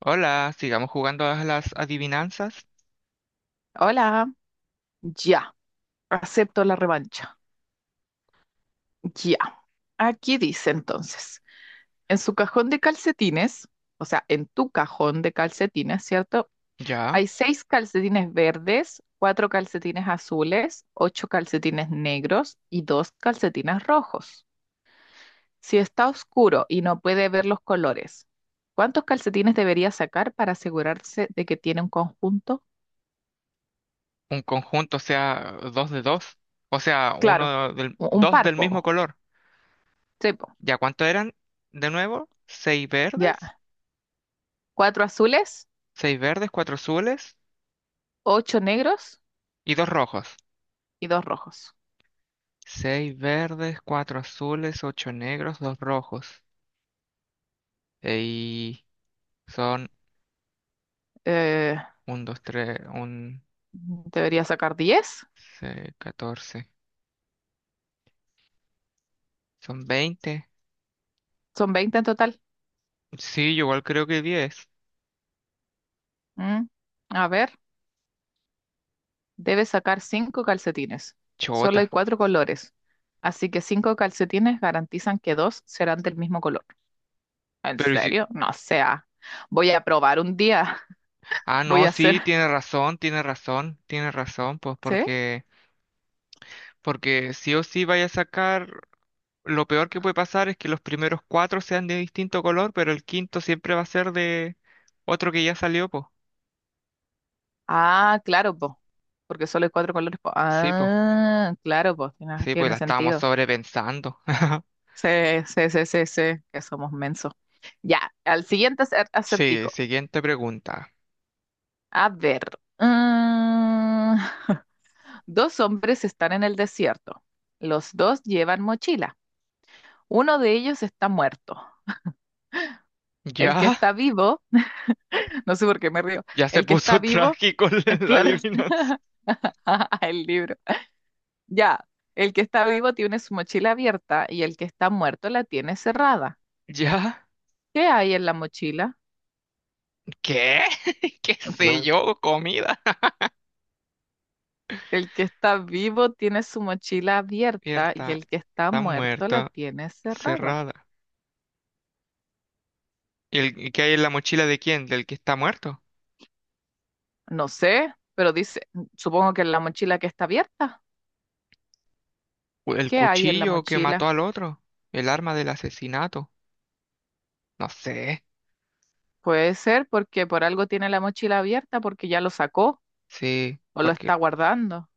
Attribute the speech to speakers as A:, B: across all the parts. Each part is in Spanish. A: Hola, sigamos jugando a las adivinanzas.
B: Hola, ya, acepto la revancha. Ya. Aquí dice entonces, en su cajón de calcetines, o sea, en tu cajón de calcetines, ¿cierto?
A: Ya,
B: Hay seis calcetines verdes, cuatro calcetines azules, ocho calcetines negros y dos calcetines rojos. Si está oscuro y no puede ver los colores, ¿cuántos calcetines debería sacar para asegurarse de que tiene un conjunto?
A: un conjunto, o sea, dos de dos. O sea,
B: Claro, un
A: dos del mismo
B: parpo.
A: color.
B: Sí, po.
A: ¿Ya cuánto eran? De nuevo,
B: Ya. ¿Cuatro azules?
A: seis verdes, cuatro azules
B: Ocho negros
A: y dos rojos.
B: y dos rojos.
A: Seis verdes, cuatro azules, ocho negros, dos rojos. Y son
B: Eh,
A: un, dos, tres, un,
B: Debería sacar 10.
A: seis, 14. Son 20.
B: Son 20 en total.
A: Sí, yo igual creo que 10.
B: Mm, A ver, debes sacar cinco calcetines. Solo hay
A: Chota.
B: cuatro colores. Así que cinco calcetines garantizan que dos serán del mismo color. ¿En
A: Pero ¿y si
B: serio? No sea. Voy a probar un día.
A: Ah,
B: Voy
A: no,
B: a hacer.
A: sí, tiene razón, tiene razón, tiene razón, pues
B: ¿Sí?
A: porque sí o sí vaya a sacar, lo peor que puede pasar es que los primeros cuatro sean de distinto color, pero el quinto siempre va a ser de otro que ya salió, pues.
B: Ah, claro, po. Porque solo hay cuatro colores, po.
A: Sí, pues,
B: Ah, claro, po. Tiene,
A: sí, pues
B: tiene
A: la estábamos
B: sentido.
A: sobrepensando.
B: Sí, sí, sí, sí, sí, que somos mensos. Ya, al siguiente
A: Sí,
B: acertijo.
A: siguiente pregunta.
B: A ver. mm, dos hombres están en el desierto. Los dos llevan mochila. Uno de ellos está muerto. El que
A: ¿Ya?
B: está vivo, no sé por qué me río.
A: Ya se
B: El que está
A: puso
B: vivo,
A: trágico la
B: claro,
A: adivinanza.
B: el libro. Ya, el que está vivo tiene su mochila abierta y el que está muerto la tiene cerrada.
A: ¿Ya?
B: ¿Qué hay en la mochila?
A: ¿Qué? ¿Qué sé yo? ¿Comida?
B: El que está vivo tiene su mochila abierta y
A: Abierta,
B: el que está
A: está
B: muerto la
A: muerto,
B: tiene cerrada.
A: cerrada. ¿El que hay en la mochila de quién? ¿Del que está muerto?
B: No sé, pero dice, supongo que en la mochila que está abierta.
A: ¿O ¿El
B: ¿Qué hay en la
A: cuchillo que mató
B: mochila?
A: al otro? ¿El arma del asesinato? No sé.
B: Puede ser porque por algo tiene la mochila abierta, porque ya lo sacó
A: Sí,
B: o lo
A: porque
B: está guardando.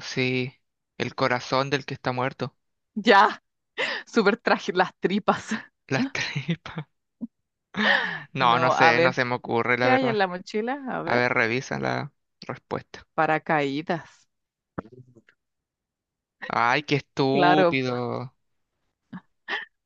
A: sí. El corazón del que está muerto.
B: Ya, súper traje las tripas.
A: Las tripas. No, no
B: No, a
A: sé, no
B: ver,
A: se me ocurre, la
B: ¿qué hay
A: verdad.
B: en la mochila? A
A: A
B: ver,
A: ver, revisa la respuesta.
B: paracaídas.
A: Ay, qué
B: Claro,
A: estúpido.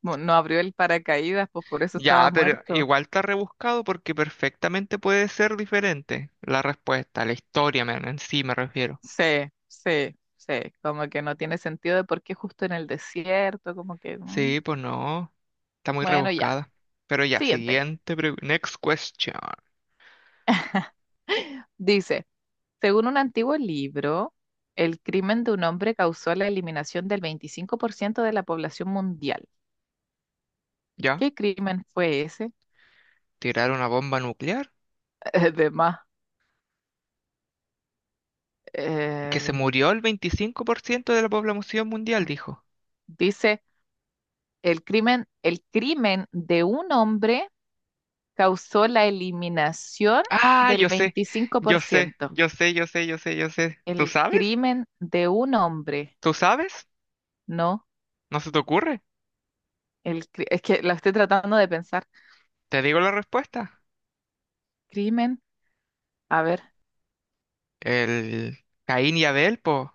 B: no abrió el paracaídas, pues por eso
A: Ya,
B: estaba
A: pero
B: muerto.
A: igual está rebuscado porque perfectamente puede ser diferente la respuesta, la historia, men, en sí me refiero.
B: Sí, sí, sí, como que no tiene sentido de por qué justo en el desierto, como que,
A: Sí, pues no. Está muy
B: bueno, ya.
A: rebuscada. Pero ya,
B: Siguiente.
A: siguiente pregunta. Next question.
B: Dice, según un antiguo libro, el crimen de un hombre causó la eliminación del 25% de la población mundial.
A: ¿Ya?
B: ¿Qué crimen fue ese?
A: ¿Tirar una bomba nuclear?
B: Además,
A: Que se
B: el-
A: murió el 25% de la población mundial, dijo.
B: dice, el crimen de un hombre causó la eliminación
A: Ah,
B: del
A: yo sé.
B: veinticinco por
A: Yo sé,
B: ciento.
A: yo sé, yo sé, yo sé, yo sé. ¿Tú
B: El
A: sabes?
B: crimen de un hombre.
A: ¿Tú sabes?
B: No.
A: ¿No se te ocurre?
B: Es que la estoy tratando de pensar.
A: Te digo la respuesta.
B: Crimen, a ver.
A: El Caín y Abel, po.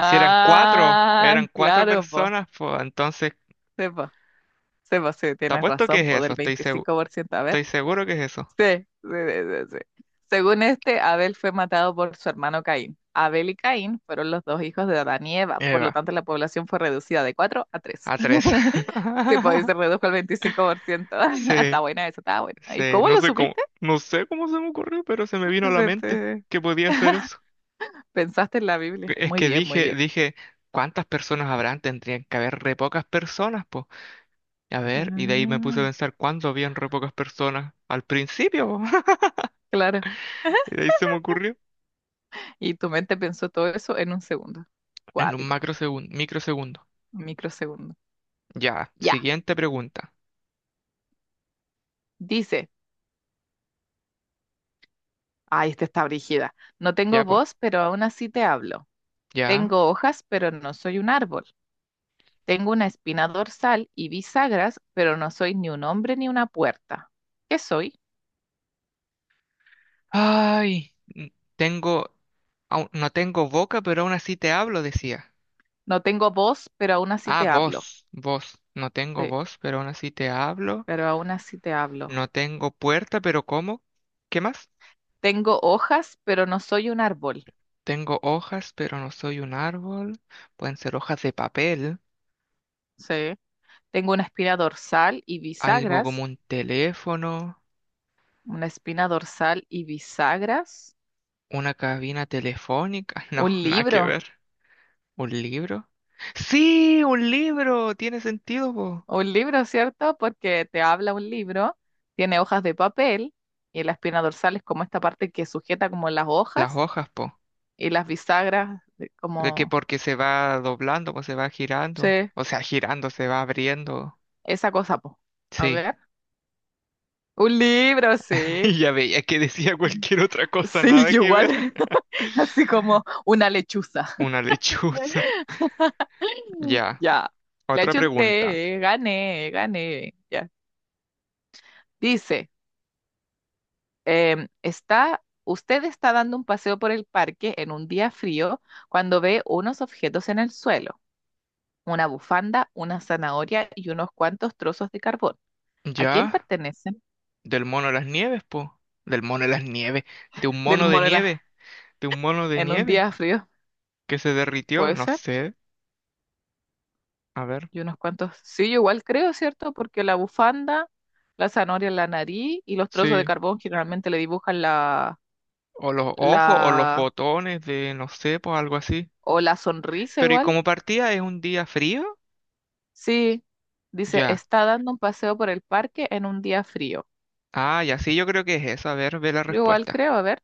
A: Si eran cuatro, eran cuatro
B: claro, po.
A: personas, po. Entonces,
B: Sí, po. Sí, po, sí,
A: te
B: tienes
A: apuesto que
B: razón,
A: es
B: po,
A: eso.
B: del
A: Estoy segu-
B: 25%. A ver.
A: estoy seguro que es eso.
B: Sí, sí, sí, sí. Sí. Según este, Abel fue matado por su hermano Caín. Abel y Caín fueron los dos hijos de Adán y Eva, por lo
A: Eva.
B: tanto la población fue reducida de 4 a tres.
A: A tres.
B: Sí, po, y se redujo al 25%. Está
A: Sí,
B: buena esa, está buena. ¿Y
A: sí,
B: cómo
A: no
B: lo
A: sé cómo,
B: supiste?
A: no sé cómo se me ocurrió, pero se me vino a la
B: Se
A: mente
B: te-
A: que podía hacer eso.
B: Pensaste en la Biblia.
A: Es
B: Muy
A: que
B: bien, muy
A: dije,
B: bien.
A: dije, ¿cuántas personas habrán? Tendrían que haber re pocas personas, pues. A ver, y de ahí me puse a
B: Ah,
A: pensar cuándo habían re pocas personas al principio, po.
B: claro.
A: Y de ahí se me ocurrió
B: Y tu mente pensó todo eso en un segundo.
A: en un
B: Cuático,
A: macrosegundo, microsegundo.
B: un microsegundo.
A: Ya,
B: Ya,
A: siguiente pregunta.
B: dice, ay, esta está brígida. No tengo
A: Ya, po.
B: voz, pero aún así te hablo.
A: Ya.
B: Tengo hojas, pero no soy un árbol. Tengo una espina dorsal y bisagras, pero no soy ni un hombre ni una puerta. ¿Qué soy?
A: Ay, no tengo boca, pero aún así te hablo, decía.
B: No tengo voz, pero aún así
A: Ah,
B: te hablo.
A: voz, voz. No tengo
B: Sí,
A: voz, pero aún así te hablo.
B: pero aún así te hablo.
A: No tengo puerta, pero ¿cómo? ¿Qué más?
B: Tengo hojas, pero no soy un árbol.
A: Tengo hojas, pero no soy un árbol. Pueden ser hojas de papel,
B: Sí. Tengo una espina dorsal y
A: algo
B: bisagras,
A: como un teléfono,
B: una espina dorsal y bisagras.
A: una cabina telefónica. No,
B: Un
A: nada que
B: libro,
A: ver. ¿Un libro? Sí, un libro. Tiene sentido, po.
B: un libro, ¿cierto? Porque te habla un libro, tiene hojas de papel y la espina dorsal es como esta parte que sujeta como las
A: Las
B: hojas
A: hojas, po.
B: y las bisagras
A: De que
B: como,
A: porque se va doblando, pues se va
B: sí,
A: girando. O sea, girando, se va abriendo.
B: esa cosa, po. A
A: Sí.
B: ver, un libro, sí.
A: Y ya veía que decía cualquier otra cosa,
B: Sí,
A: nada
B: yo
A: que
B: igual,
A: ver.
B: así como una lechuza.
A: Una lechuza. Ya,
B: Ya, le
A: otra
B: eché un
A: pregunta.
B: té, gané, gané. Ya. Dice. Usted está dando un paseo por el parque en un día frío cuando ve unos objetos en el suelo, una bufanda, una zanahoria y unos cuantos trozos de carbón. ¿A quién
A: Ya,
B: pertenecen?
A: del mono de las nieves, po. Del mono de las nieves. De un
B: Del
A: mono de
B: mono la-
A: nieve. De un mono de
B: en un
A: nieve
B: día frío,
A: que se derritió,
B: puede
A: no
B: ser.
A: sé. A ver.
B: Y unos cuantos, sí, yo igual creo, ¿cierto? Porque la bufanda, la zanahoria en la nariz y los trozos de
A: Sí.
B: carbón generalmente le dibujan la,
A: O los ojos o los
B: la,
A: botones de, no sé, pues algo así.
B: o la sonrisa
A: Pero ¿y
B: igual.
A: como partía es un día frío?
B: Sí, dice,
A: Ya.
B: está dando un paseo por el parque en un día frío.
A: Ah, ya sí, yo creo que es eso. A ver, ve la
B: Yo igual
A: respuesta.
B: creo, a ver.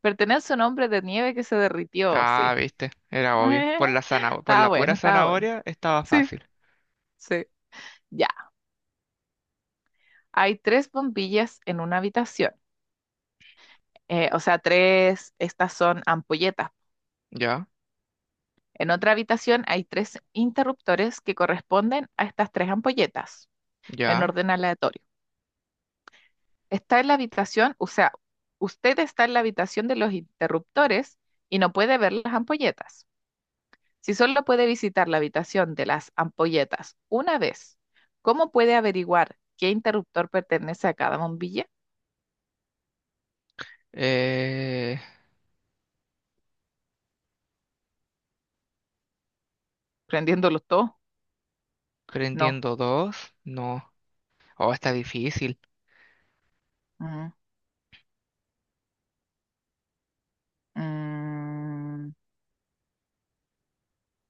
B: Pertenece a un hombre de nieve que se derritió,
A: Ah,
B: sí.
A: viste, era obvio. Por la zanahoria, por
B: Estaba
A: la pura
B: bueno, estaba bueno.
A: zanahoria estaba
B: Sí,
A: fácil.
B: sí. Ya. Hay tres bombillas en una habitación. O sea, tres, estas son ampolletas.
A: Ya,
B: En otra habitación hay tres interruptores que corresponden a estas tres ampolletas en
A: ya.
B: orden aleatorio. Está en la habitación, o sea, usted está en la habitación de los interruptores y no puede ver las ampolletas. Si solo puede visitar la habitación de las ampolletas una vez, ¿cómo puede averiguar qué interruptor pertenece a cada bombilla?
A: Eh,
B: ¿Prendiéndolos todos? No.
A: prendiendo dos. No. Oh, está difícil.
B: Mm, mm,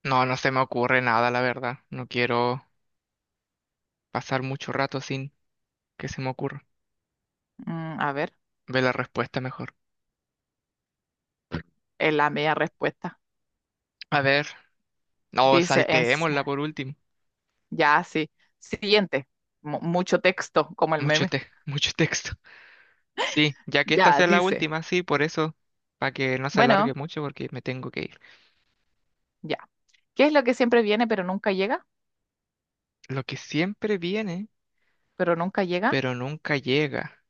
A: No, no se me ocurre nada, la verdad. No quiero pasar mucho rato sin que se me ocurra.
B: a ver,
A: Ve la respuesta mejor.
B: es la media respuesta.
A: A ver. No,
B: Dice, en, si-
A: salteémosla por último.
B: ya, sí. Siguiente. Mucho texto, como el meme.
A: Mucho texto. Sí, ya que esta
B: Ya,
A: sea la
B: dice.
A: última, sí, por eso, para que no se alargue
B: Bueno,
A: mucho porque me tengo que ir.
B: ya. ¿Qué es lo que siempre viene pero nunca llega?
A: Lo que siempre viene,
B: ¿Pero nunca llega?
A: pero nunca llega.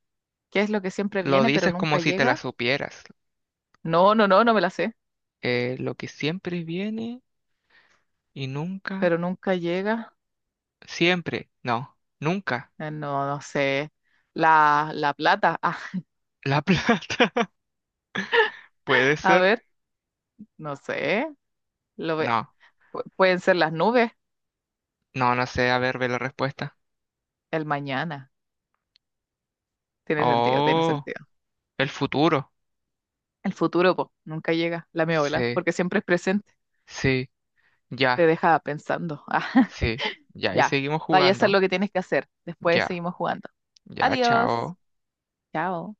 B: ¿Qué es lo que siempre
A: Lo
B: viene pero
A: dices como
B: nunca
A: si te la
B: llega?
A: supieras.
B: No, no, no, no me la sé.
A: Lo que siempre viene. Y nunca,
B: Pero nunca llega.
A: siempre, no, nunca.
B: No, no sé. La plata. Ah,
A: La plata. Puede
B: a
A: ser.
B: ver, no sé. Lo ve-
A: No,
B: pueden ser las nubes,
A: no, no sé. A ver, ve la respuesta.
B: el mañana. Tiene sentido, tiene
A: Oh,
B: sentido.
A: el futuro.
B: El futuro, po, nunca llega, la miola,
A: Sí,
B: porque siempre es presente.
A: sí,
B: Te
A: ya,
B: deja pensando. Ah,
A: sí, ya. Y
B: ya.
A: seguimos
B: Vaya a hacer
A: jugando.
B: lo que tienes que hacer. Después
A: Ya,
B: seguimos jugando.
A: ya,
B: Adiós.
A: chao.
B: Chao.